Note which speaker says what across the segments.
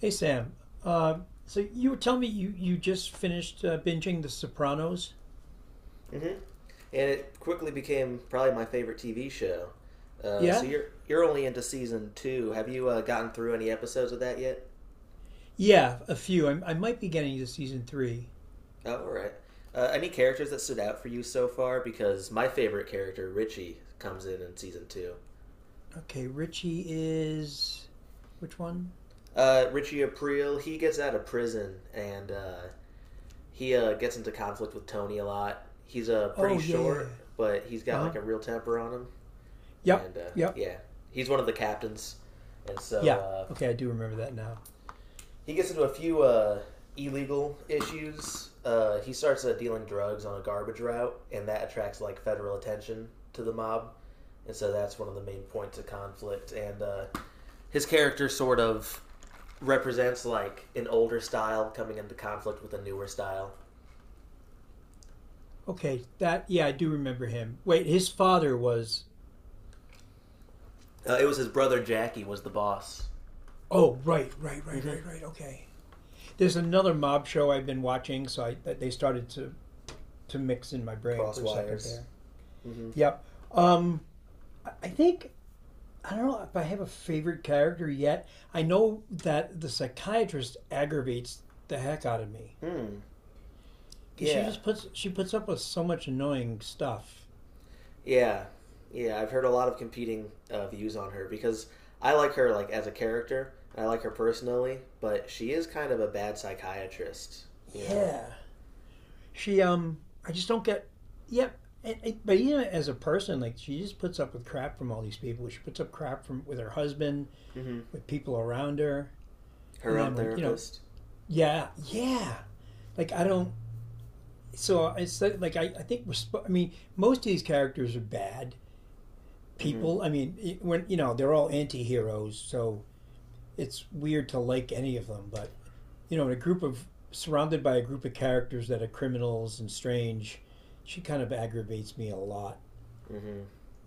Speaker 1: Hey, Sam. Uh, so you were telling me you just finished binging The Sopranos?
Speaker 2: And it quickly became probably my favorite TV show. So
Speaker 1: Yeah?
Speaker 2: you're only into season two. Have you gotten through any episodes of that yet?
Speaker 1: Yeah, a few. I might be getting to season three.
Speaker 2: Oh, all right. Any characters that stood out for you so far? Because my favorite character, Richie, comes in season two.
Speaker 1: Okay, Richie is. Which one?
Speaker 2: Richie Aprile, he gets out of prison and he gets into conflict with Tony a lot. He's pretty
Speaker 1: Oh, yeah, yeah, yeah.
Speaker 2: short, but he's got
Speaker 1: Uh-huh.
Speaker 2: like a real temper on him.
Speaker 1: Yep,
Speaker 2: And
Speaker 1: yep.
Speaker 2: yeah, he's one of the captains. And so
Speaker 1: Yeah. Okay, I do remember that now.
Speaker 2: he gets into a few illegal issues. He starts dealing drugs on a garbage route, and that attracts like federal attention to the mob, and so that's one of the main points of conflict. And his character sort of represents like an older style coming into conflict with a newer style.
Speaker 1: Okay, that. Yeah, I do remember him. Wait, his father was.
Speaker 2: It was his brother Jackie was the boss.
Speaker 1: Oh, right, right, right,
Speaker 2: Mm-hmm.
Speaker 1: right, right. Okay. There's another mob show I've been watching, so I, that they started to mix in my brain for
Speaker 2: Cross
Speaker 1: a second
Speaker 2: wires.
Speaker 1: there.
Speaker 2: Mm-hmm.
Speaker 1: Yep. Um, think I don't know if I have a favorite character yet. I know that the psychiatrist aggravates the heck out of me
Speaker 2: Hmm.
Speaker 1: because she
Speaker 2: Yeah.
Speaker 1: just puts she puts up with so much annoying stuff.
Speaker 2: Yeah, yeah. I've heard a lot of competing views on her because I like her like as a character. I like her personally, but she is kind of a bad psychiatrist. You know,
Speaker 1: Yeah, she I just don't get. Yep, yeah, and but even as a person, like she just puts up with crap from all these people. She puts up crap from with her husband,
Speaker 2: mm-hmm.
Speaker 1: with people around her,
Speaker 2: Her
Speaker 1: and
Speaker 2: own
Speaker 1: then when,
Speaker 2: therapist.
Speaker 1: yeah, yeah. Like I don't. So it's like, I think we're. I mean, most of these characters are bad
Speaker 2: Mm-hmm.
Speaker 1: people. I mean, when you know they're all anti-heroes, so it's weird to like any of them. But you know, in a group of surrounded by a group of characters that are criminals and strange, she kind of aggravates me a lot.
Speaker 2: Mm-hmm.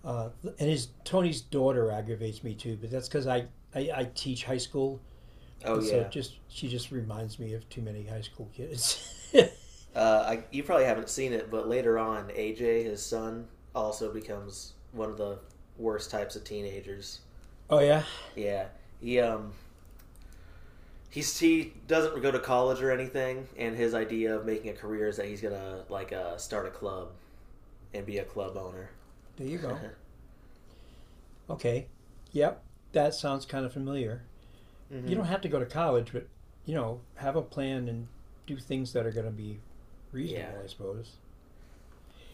Speaker 1: Uh, and his Tony's daughter aggravates me too, but that's because I, I teach high school,
Speaker 2: Oh
Speaker 1: and so it
Speaker 2: yeah.
Speaker 1: just she just reminds me of too many high school kids.
Speaker 2: You probably haven't seen it, but later on, AJ, his son, also becomes one of the worst types of teenagers.
Speaker 1: Oh yeah,
Speaker 2: Yeah, he he doesn't go to college or anything, and his idea of making a career is that he's gonna like start a club and be a club owner.
Speaker 1: there you go. Okay, yep, that sounds kind of familiar. You
Speaker 2: Mm-hmm.
Speaker 1: don't have to go to college, but you know, have a plan and do things that are going to be
Speaker 2: Yeah.
Speaker 1: reasonable, I suppose.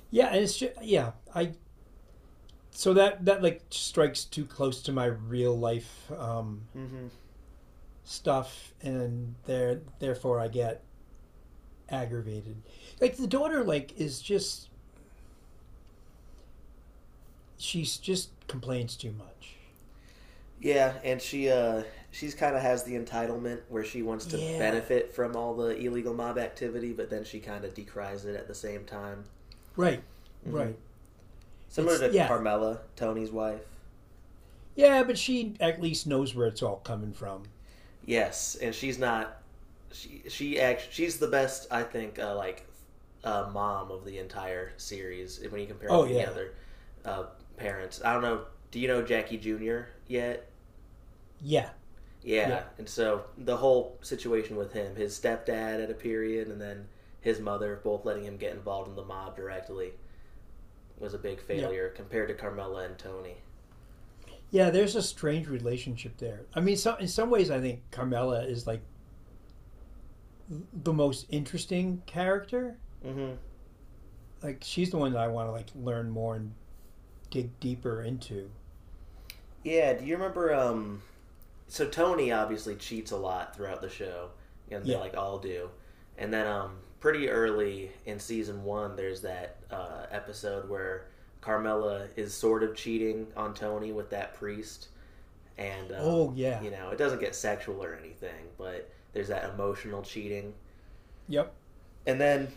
Speaker 1: Yeah, and it's just, yeah, I so that like strikes too close to my real life
Speaker 2: Mm-hmm.
Speaker 1: stuff, and therefore I get aggravated. Like the daughter, like is just she's just complains too much.
Speaker 2: Yeah, and she she's kind of has the entitlement where she wants to
Speaker 1: Yeah,
Speaker 2: benefit from all the illegal mob activity, but then she kind of decries it at the same time.
Speaker 1: right,
Speaker 2: Mm-hmm.
Speaker 1: right.
Speaker 2: Similar
Speaker 1: It's
Speaker 2: to
Speaker 1: yeah,
Speaker 2: Carmela, Tony's wife.
Speaker 1: yeah, but she at least knows where it's all coming from.
Speaker 2: Yes, and she's not she's the best I think like mom of the entire series when you compare him
Speaker 1: Oh
Speaker 2: to the
Speaker 1: yeah,
Speaker 2: other uh, parents. I don't know. Do you know Jackie Jr. yet?
Speaker 1: yeah, yeah,
Speaker 2: Yeah, and so the whole situation with him, his stepdad at a period, and then his mother, both letting him get involved in the mob directly, was a big
Speaker 1: yeah.
Speaker 2: failure compared to Carmela and Tony.
Speaker 1: Yeah, there's a strange relationship there. I mean, so in some ways, I think Carmela is like the most interesting character.
Speaker 2: Mm-hmm.
Speaker 1: Like she's the one that I want to like learn more and dig deeper into.
Speaker 2: Yeah, do you remember? So Tony obviously cheats a lot throughout the show, and they
Speaker 1: Yeah.
Speaker 2: like all do. And then pretty early in season one, there's that episode where Carmela is sort of cheating on Tony with that priest and
Speaker 1: Oh yeah.
Speaker 2: you know it doesn't get sexual or anything, but there's that emotional cheating.
Speaker 1: Yep.
Speaker 2: And then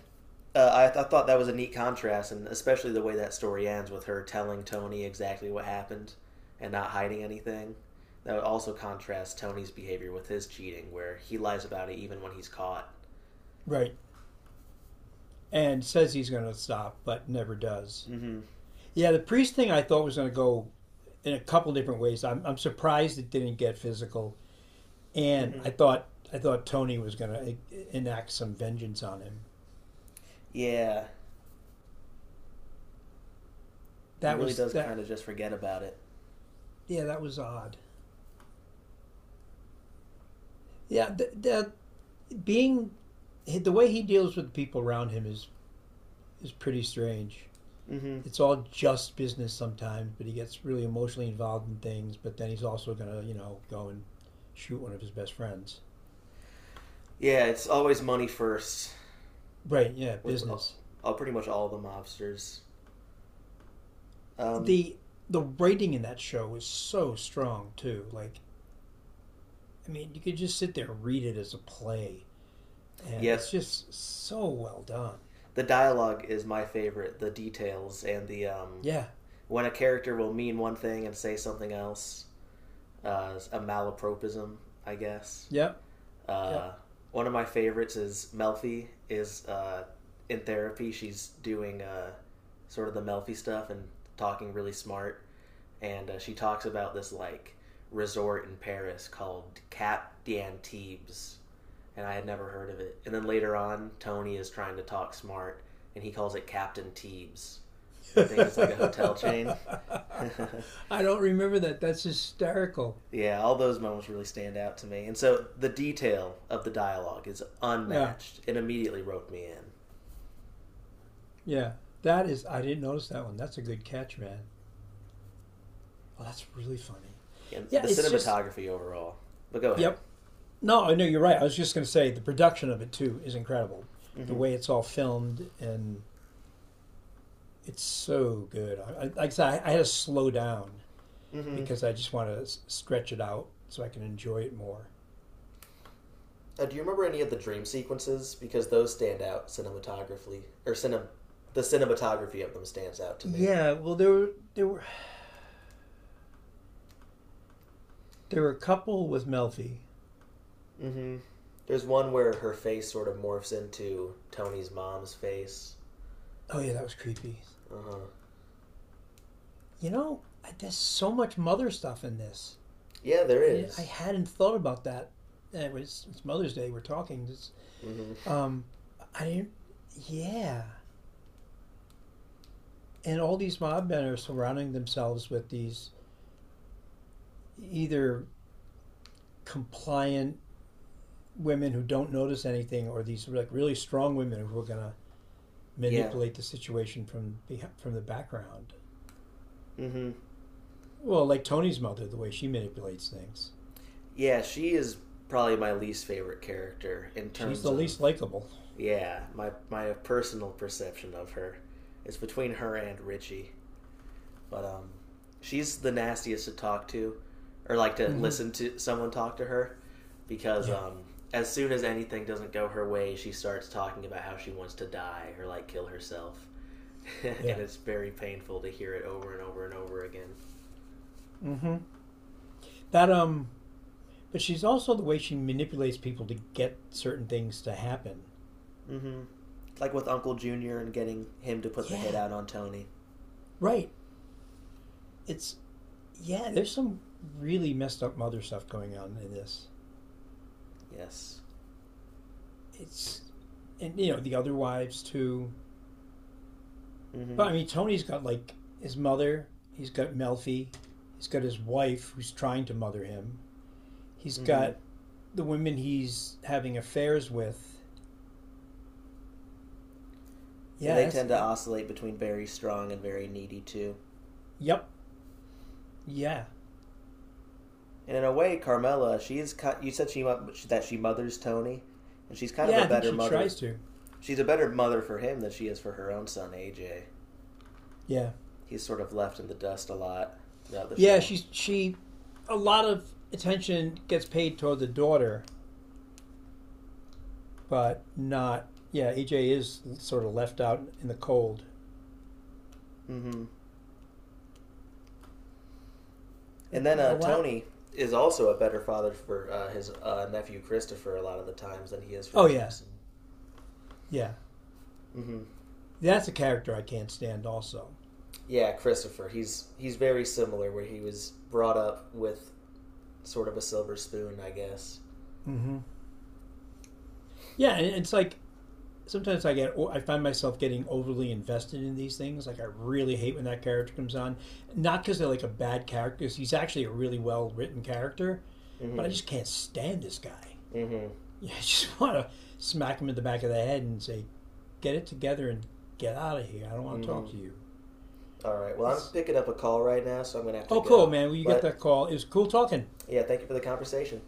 Speaker 2: I thought that was a neat contrast, and especially the way that story ends with her telling Tony exactly what happened and not hiding anything. That would also contrast Tony's behavior with his cheating, where he lies about it even when he's caught.
Speaker 1: Right. And says he's going to stop, but never does.
Speaker 2: Mm-hmm.
Speaker 1: Yeah, the priest thing I thought was going to go in a couple different ways. I'm surprised it didn't get physical, and
Speaker 2: Mm-hmm.
Speaker 1: I thought Tony was going to enact some vengeance on him.
Speaker 2: Yeah, he
Speaker 1: That
Speaker 2: really
Speaker 1: was
Speaker 2: does
Speaker 1: that.
Speaker 2: kind of just forget about it.
Speaker 1: Yeah, that was odd. Yeah, that being the way he deals with people around him is pretty strange.
Speaker 2: Mm-hmm.
Speaker 1: It's all just business sometimes, but he gets really emotionally involved in things. But then he's also gonna, you know, go and shoot one of his best friends.
Speaker 2: Yeah, it's always money first
Speaker 1: Right? Yeah,
Speaker 2: with
Speaker 1: business.
Speaker 2: pretty much all the mobsters. Um,
Speaker 1: The the writing in that show was so strong too. Like, I mean, you could just sit there and read it as a play, and it's
Speaker 2: yep,
Speaker 1: just so well done.
Speaker 2: the
Speaker 1: It's,
Speaker 2: dialogue is my favorite. The details and the
Speaker 1: yeah.
Speaker 2: when a character will mean one thing and say something else. A malapropism, I guess.
Speaker 1: Yep. Yep.
Speaker 2: Uh, one of my favorites is Melfi is in therapy. She's doing sort of the Melfi stuff and talking really smart. And she talks about this like resort in Paris called Cap d'Antibes, and I had never heard of it. And then later on, Tony is trying to talk smart, and he calls it Captain Teebs and thinks it's like a hotel chain.
Speaker 1: I don't remember that. That's hysterical.
Speaker 2: Yeah, all those moments really stand out to me. And so the detail of the dialogue is
Speaker 1: Yeah,
Speaker 2: unmatched. It immediately roped me in.
Speaker 1: yeah. That is, I didn't notice that one. That's a good catch, man. Oh, that's really funny.
Speaker 2: And
Speaker 1: Yeah,
Speaker 2: the
Speaker 1: it's just,
Speaker 2: cinematography overall. But go ahead.
Speaker 1: yep. No, I know you're right. I was just going to say the production of it too is incredible. The
Speaker 2: Mm-hmm.
Speaker 1: way it's all filmed and it's so good. Like I said, I had to slow down
Speaker 2: Mm-hmm.
Speaker 1: because I just want to stretch it out so I can enjoy it more.
Speaker 2: Do you remember any of the dream sequences? Because those stand out cinematographically, the cinematography of them stands out to me.
Speaker 1: Yeah, well, there were a couple with Melfi.
Speaker 2: Hmm. There's one where her face sort of morphs into Tony's mom's face.
Speaker 1: Oh yeah, that was creepy.
Speaker 2: Uh huh.
Speaker 1: You know, there's so much mother stuff in this.
Speaker 2: Yeah, there
Speaker 1: I
Speaker 2: is.
Speaker 1: hadn't thought about that. And it's Mother's Day. We're talking. Just,
Speaker 2: Mm-hmm.
Speaker 1: um, I didn't. Yeah, and all these mob men are surrounding themselves with these either compliant women who don't notice anything, or these like really strong women who are gonna
Speaker 2: Yeah.
Speaker 1: manipulate the situation from the background.
Speaker 2: Mm-hmm.
Speaker 1: Well, like Tony's mother, the way she manipulates things.
Speaker 2: Yeah, she is probably my least favorite character in
Speaker 1: She's
Speaker 2: terms
Speaker 1: the
Speaker 2: of
Speaker 1: least likable.
Speaker 2: yeah my personal perception of her. It's between her and Richie. But she's the nastiest to talk to, or like to
Speaker 1: Mm-hmm.
Speaker 2: listen to someone talk to her, because
Speaker 1: Yeah.
Speaker 2: as soon as anything doesn't go her way, she starts talking about how she wants to die or like kill herself,
Speaker 1: Yeah.
Speaker 2: and it's very painful to hear it over and over and over again.
Speaker 1: Mm-hmm. That But she's also the way she manipulates people to get certain things to happen.
Speaker 2: Mm-hmm. Like with Uncle Junior and getting him to put the hit
Speaker 1: Yeah.
Speaker 2: out on Tony.
Speaker 1: Right. It's yeah, there's some really messed up mother stuff going on in this.
Speaker 2: Yes.
Speaker 1: It's and you know, the other wives too.
Speaker 2: Mm-hmm.
Speaker 1: But I mean Tony's got like his mother, he's got Melfi, he's got his wife who's trying to mother him. He's
Speaker 2: Mm-hmm.
Speaker 1: got the women he's having affairs with.
Speaker 2: Yeah, they
Speaker 1: Yes.
Speaker 2: tend to
Speaker 1: It,
Speaker 2: oscillate between very strong and very needy too.
Speaker 1: yep. Yeah.
Speaker 2: And in a way, Carmela, she is. You said she That she mothers Tony, and she's kind of
Speaker 1: Yeah,
Speaker 2: a
Speaker 1: I think
Speaker 2: better
Speaker 1: she
Speaker 2: mother.
Speaker 1: tries to.
Speaker 2: She's a better mother for him than she is for her own son AJ.
Speaker 1: Yeah.
Speaker 2: He's sort of left in the dust a lot throughout the
Speaker 1: Yeah,
Speaker 2: show.
Speaker 1: she's she a lot of attention gets paid toward the daughter, but not yeah. EJ is sort of left out in the cold.
Speaker 2: Hmm. And
Speaker 1: Like
Speaker 2: then
Speaker 1: the lot.
Speaker 2: Tony is also a better father for his nephew Christopher a lot of the times than he is for
Speaker 1: Oh
Speaker 2: his own
Speaker 1: yeah,
Speaker 2: son.
Speaker 1: yeah.
Speaker 2: Hmm.
Speaker 1: That's a character I can't stand. Also,
Speaker 2: Yeah, Christopher. He's very similar where he was brought up with sort of a silver spoon, I guess.
Speaker 1: mm-hmm. Yeah, and it's like sometimes I get I find myself getting overly invested in these things. Like I really hate when that character comes on, not because they're like a bad character. 'Cause he's actually a really well written character, but I
Speaker 2: Mm-hmm.
Speaker 1: just can't stand this guy.
Speaker 2: Mm-hmm.
Speaker 1: Yeah, I just want to smack him in the back of the head and say, get it together and get out of here. I don't want to talk
Speaker 2: Mm-hmm.
Speaker 1: to you.
Speaker 2: All right. Well, I'm
Speaker 1: It's
Speaker 2: picking up a call right now, so I'm going to have to
Speaker 1: oh cool,
Speaker 2: go.
Speaker 1: man. Well, you get
Speaker 2: But
Speaker 1: that call. It was cool talking.
Speaker 2: yeah, thank you for the conversation.